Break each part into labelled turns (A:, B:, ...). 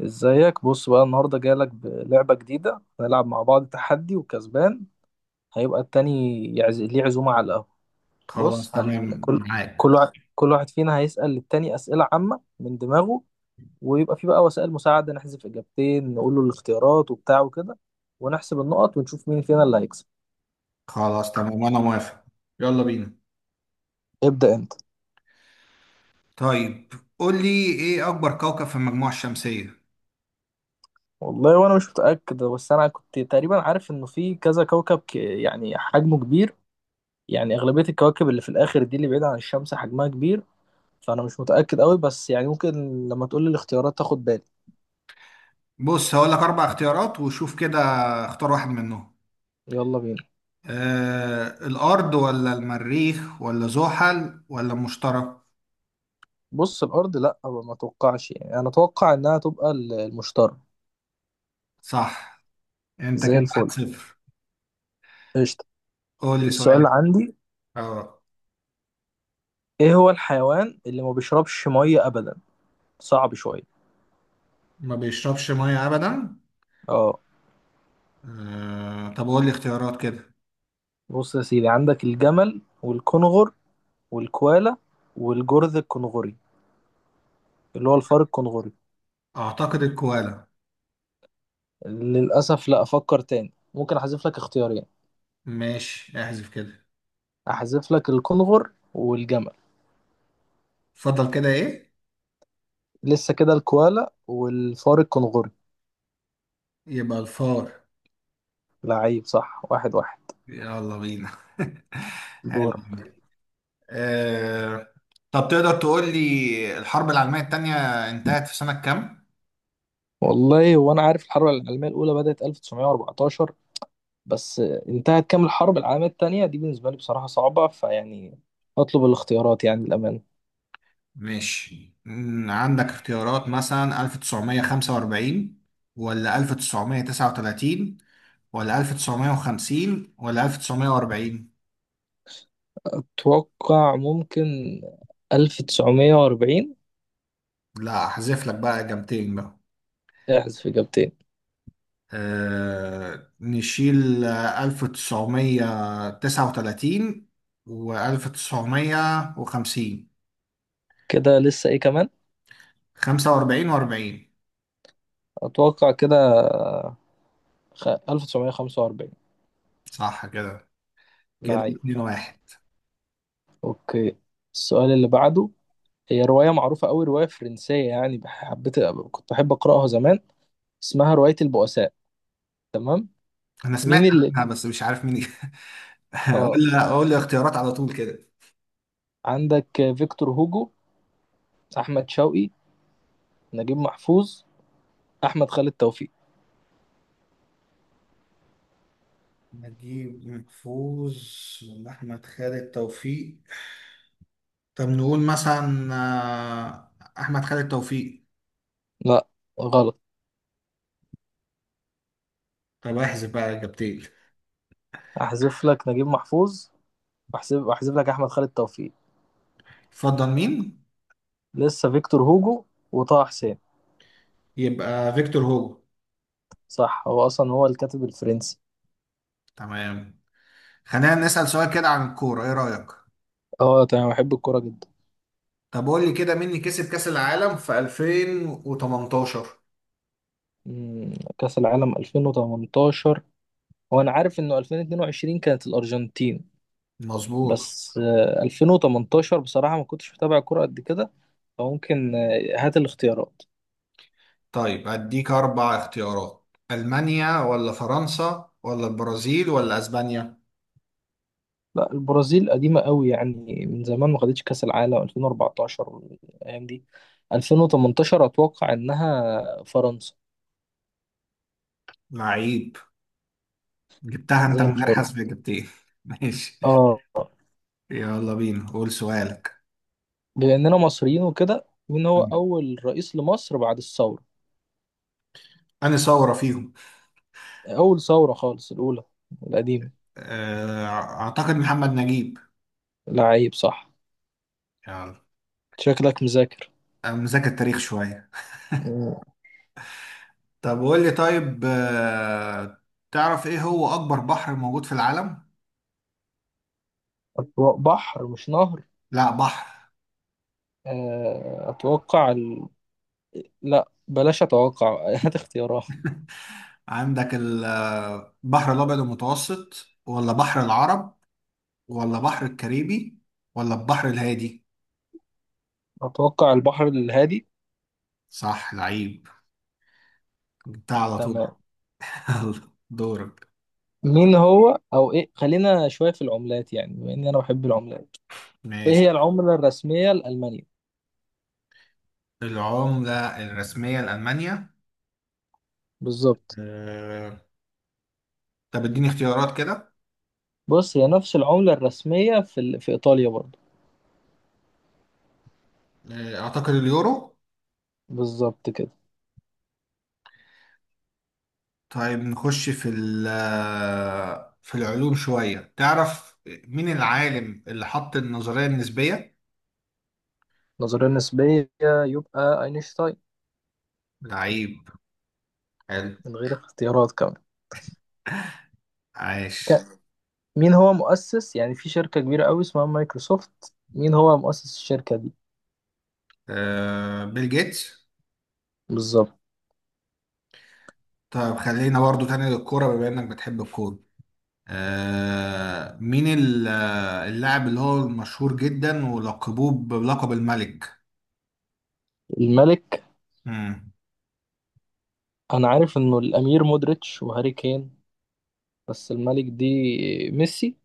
A: ازيك بص بقى النهارده جايلك بلعبة جديدة، هنلعب مع بعض تحدي وكسبان. هيبقى التاني ليه عزومة على القهوة. بص
B: خلاص
A: هن...
B: تمام
A: كل
B: معاك.
A: كل واحد فينا هيسأل للتاني أسئلة عامة من دماغه، ويبقى في بقى وسائل مساعدة، نحذف إجابتين، نقول له الاختيارات وبتاع وكده، ونحسب النقط ونشوف مين فينا اللي هيكسب.
B: خلاص تمام وانا موافق. يلا بينا.
A: ابدأ أنت.
B: طيب، قول لي، ايه اكبر كوكب في المجموعة الشمسية؟
A: والله وأنا مش متأكد، بس أنا كنت تقريبا عارف إنه في كذا كوكب يعني حجمه كبير. يعني أغلبية الكواكب اللي في الآخر دي اللي بعيدة عن الشمس حجمها كبير. فانا مش متاكد قوي بس يعني ممكن. لما تقول لي الاختيارات تاخد بالي.
B: بص، هقول لك اربع اختيارات وشوف كده. اختار واحد منهم.
A: يلا بينا.
B: الارض ولا المريخ ولا زحل ولا المشتري؟
A: بص الارض لا، ما اتوقعش، يعني انا اتوقع انها تبقى المشتري.
B: صح. انت
A: زي
B: كده
A: الفل.
B: 1-0.
A: قشطه.
B: قول لي
A: السؤال
B: سؤال.
A: اللي عندي:
B: اه،
A: ايه هو الحيوان اللي ما بيشربش ميه ابدا؟ صعب شويه.
B: ما بيشربش ميه ابدا.
A: اه.
B: طب قول لي اختيارات كده.
A: بص يا سيدي، عندك الجمل والكنغر والكوالا والجرذ الكنغري، اللي هو الفار الكنغري.
B: اعتقد الكوالا.
A: للاسف لا، افكر تاني، ممكن احذف لك اختيارين.
B: ماشي، احذف كده.
A: احذف لك الكنغر والجمل.
B: اتفضل، كده ايه؟
A: لسه كده الكوالا والفار الكنغوري.
B: يبقى الفار.
A: لعيب صح. واحد واحد.
B: يلا بينا. حلو.
A: دور.
B: آه... طب، تقدر تقول لي الحرب العالمية التانية انتهت في سنة كام؟
A: والله وانا عارف الحرب العالميه الاولى بدات 1914، بس انتهت كام الحرب العالميه الثانيه دي؟ بالنسبه لي بصراحه صعبه فيعني اطلب الاختيارات، يعني الامان.
B: ماشي، عندك اختيارات مثلا 1945 ولا 1939 ولا 1950 ولا 1940.
A: اتوقع ممكن 1940.
B: لا، هحذف لك بقى إجابتين بقى.
A: احذف اجابتين.
B: نشيل 1939 و1950.
A: كده لسه ايه كمان؟
B: 45 و40.
A: اتوقع كده. 1945.
B: صح كده
A: لعيب.
B: 2 واحد.
A: اوكي. السؤال اللي بعده: هي رواية معروفة أوي، رواية فرنسية، يعني حبيت كنت بحب أقرأها زمان. اسمها رواية البؤساء. تمام.
B: انا سمعت
A: مين اللي
B: عنها بس مش عارف مين.
A: اه
B: قول لي قول لي. اختيارات على طول كده.
A: عندك فيكتور هوجو، أحمد شوقي، نجيب محفوظ، أحمد خالد توفيق.
B: نجيب محفوظ ولا أحمد خالد توفيق؟ طب نقول مثلا أحمد خالد توفيق.
A: لا غلط.
B: طب احذف بقى إجابتين.
A: أحذف لك نجيب محفوظ، وأحذف لك أحمد خالد توفيق.
B: اتفضل، مين؟
A: لسه فيكتور هوجو وطه حسين.
B: يبقى فيكتور هوجو.
A: صح، هو أصلا هو الكاتب الفرنسي.
B: تمام. خلينا نسأل سؤال كده عن الكورة. ايه رأيك؟
A: اه تمام، بحب الكورة جدا.
B: طب قول لي كده، مين اللي كسب كأس العالم في 2018؟
A: كأس العالم 2018. هو أنا عارف إنه 2022 كانت الأرجنتين.
B: مظبوط.
A: بس 2018 بصراحة ما كنتش متابع كرة قد كده، فممكن. هات الاختيارات.
B: طيب، أديك أربع اختيارات. ألمانيا ولا فرنسا ولا البرازيل ولا أسبانيا؟
A: لا البرازيل قديمة قوي يعني، من زمان ما خدتش كأس العالم 2014 الأيام دي. 2018 أتوقع إنها فرنسا.
B: لعيب. جبتها أنت
A: زي
B: من غير
A: الفل.
B: حسب، جبت إيه؟ ماشي.
A: اه.
B: يلا بينا، قول سؤالك.
A: بما إننا مصريين وكده، مين هو
B: مم.
A: أول رئيس لمصر بعد الثورة؟
B: أنا ثورة فيهم؟
A: أول ثورة خالص، الأولى القديمة.
B: آه، أعتقد محمد نجيب.
A: لعيب صح.
B: يلا.
A: شكلك مذاكر.
B: أنا مذاكر تاريخ شوية. طب قول لي، طيب، تعرف إيه هو أكبر بحر موجود في العالم؟
A: أتوقع بحر مش نهر.
B: لا، بحر.
A: أتوقع. لا بلاش اتوقع. هات اختيارات.
B: عندك البحر الأبيض المتوسط ولا بحر العرب ولا بحر الكاريبي ولا البحر الهادي؟
A: اتوقع البحر الهادي.
B: صح، لعيب. جبتها على طول.
A: تمام.
B: يلا، دورك.
A: مين هو او ايه، خلينا شويه في العملات، يعني بما اني انا بحب العملات. ايه هي
B: ماشي.
A: العمله الرسميه لالمانيا؟
B: العملة الرسمية لألمانيا؟
A: بالظبط.
B: آه، طب اديني اختيارات كده.
A: بص هي نفس العمله الرسميه في في ايطاليا برضه.
B: آه، أعتقد اليورو.
A: بالظبط كده.
B: طيب نخش في ال آه، في العلوم شوية. تعرف مين العالم اللي حط النظرية النسبية؟
A: نظريه نسبيه، يبقى اينشتاين.
B: لعيب. حلو.
A: من غير اختيارات كمان.
B: عاش.
A: ك- مين هو مؤسس، يعني في شركه كبيره قوي اسمها مايكروسوفت، مين هو مؤسس الشركه دي؟
B: آه، بيل جيتس.
A: بالظبط.
B: طيب خلينا برضو تاني للكورة بما إنك بتحب الكورة. مين اللاعب اللي هو مشهور جدا ولقبوه بلقب الملك؟
A: الملك.
B: مم.
A: انا عارف انه الامير مودريتش وهاري كين، بس الملك دي ميسي.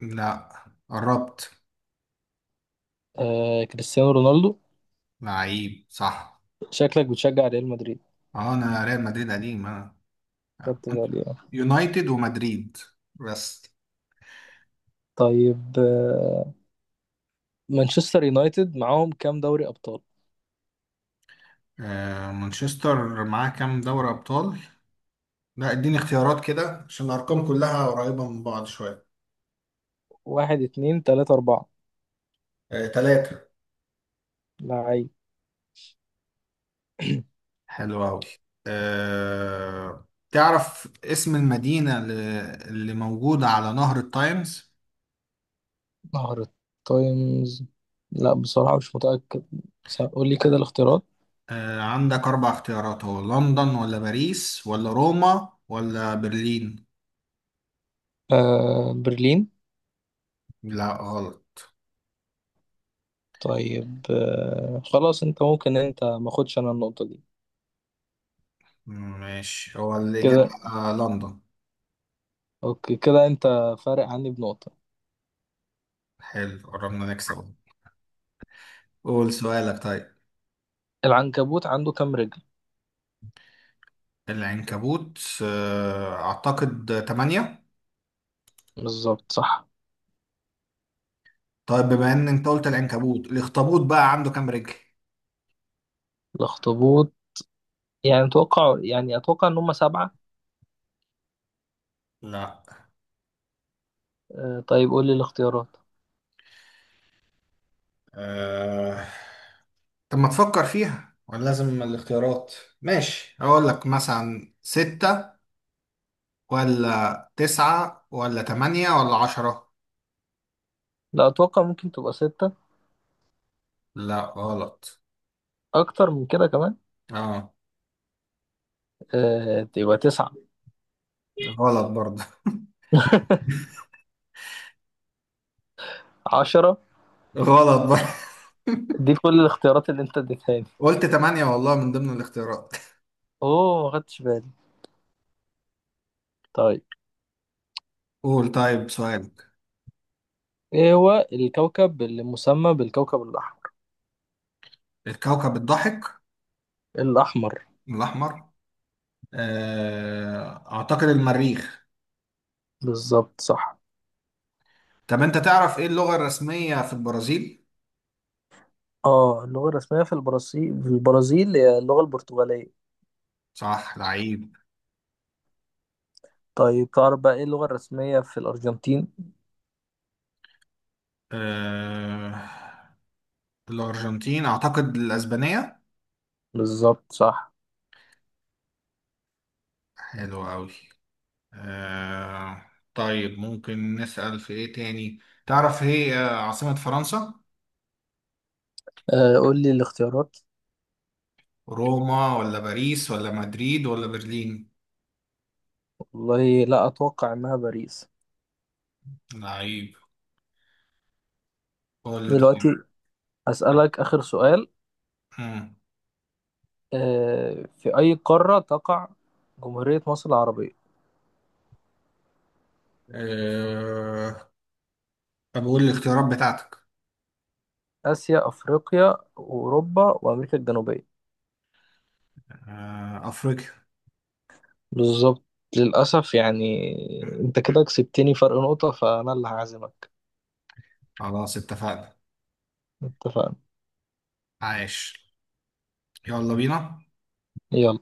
B: لا، قربت.
A: كريستيانو رونالدو.
B: لعيب صح.
A: شكلك بتشجع ريال مدريد.
B: اه، انا ريال مدريد قديم انا.
A: خدت بالي آه.
B: يونايتد ومدريد بس.
A: طيب مانشستر يونايتد معاهم كام دوري أبطال؟
B: مانشستر معاه كام دوري ابطال؟ لا، اديني اختيارات كده عشان الارقام كلها قريبة من بعض شوية.
A: واحد اتنين تلاتة أربعة.
B: آه، تلاتة.
A: لعيب.
B: حلو أوي. تعرف اسم المدينة اللي موجودة على نهر التايمز؟
A: مهرة. تايمز. لا بصراحة مش متأكد. قول لي كده الاختيارات.
B: عندك أربع اختيارات. هو لندن ولا باريس ولا روما ولا برلين؟
A: برلين.
B: لا، غلط.
A: طيب خلاص، انت ممكن، انت ماخدش، انا النقطة دي.
B: ماشي، هو الإجابة
A: كده
B: لندن.
A: اوكي، كده انت فارق عني بنقطة.
B: حلو، قربنا نكسب. قول سؤالك طيب.
A: العنكبوت عنده كام رجل؟
B: العنكبوت؟ أعتقد تمانية.
A: بالظبط صح.
B: طيب بما إن أنت قلت العنكبوت، الأخطبوط بقى عنده كام رجل؟
A: الاخطبوط. يعني اتوقع ان هم سبعة.
B: لا.
A: طيب قول لي الاختيارات.
B: آه طب، ما تفكر فيها ولا لازم الاختيارات؟ ماشي، اقول لك مثلا ستة ولا تسعة ولا تمانية ولا عشرة؟
A: لا اتوقع ممكن تبقى ستة.
B: لا، غلط.
A: اكتر من كده كمان.
B: اه.
A: تبقى تسعة.
B: غلط برضه.
A: عشرة.
B: غلط برضه.
A: دي كل الاختيارات اللي انت اديتها لي.
B: قلت تمانية والله من ضمن الاختيارات.
A: اوه ما خدتش بالي. طيب.
B: قول طيب سؤالك.
A: ايه هو الكوكب اللي مسمى بالكوكب الاحمر؟
B: الكوكب الضحك.
A: الاحمر.
B: الأحمر. آه، أعتقد المريخ.
A: بالظبط صح.
B: طب أنت تعرف إيه اللغة الرسمية في البرازيل؟
A: اه اللغة الرسمية في البرازيل هي اللغة البرتغالية.
B: صح لعيب.
A: طيب تعرف بقى ايه اللغة الرسمية في الارجنتين؟
B: آه، الأرجنتين أعتقد الأسبانية.
A: بالظبط صح.
B: حلو أوي. آه طيب ممكن نسأل في إيه تاني؟ تعرف إيه عاصمة فرنسا؟
A: قول لي الاختيارات.
B: روما ولا باريس ولا مدريد ولا برلين؟
A: والله لا، أتوقع إنها باريس.
B: لعيب. قول لي
A: دلوقتي
B: طيب.
A: أسألك آخر سؤال.
B: مم.
A: في أي قارة تقع جمهورية مصر العربية؟
B: آه طب قول لي الاختيارات بتاعتك.
A: آسيا، أفريقيا، أوروبا، وأمريكا الجنوبية.
B: آه، أفريقيا.
A: بالظبط. للأسف يعني.
B: مم.
A: أنت كده كسبتني فرق نقطة، فأنا اللي هعزمك.
B: خلاص اتفقنا.
A: اتفقنا.
B: عايش. يلا بينا.
A: يلا.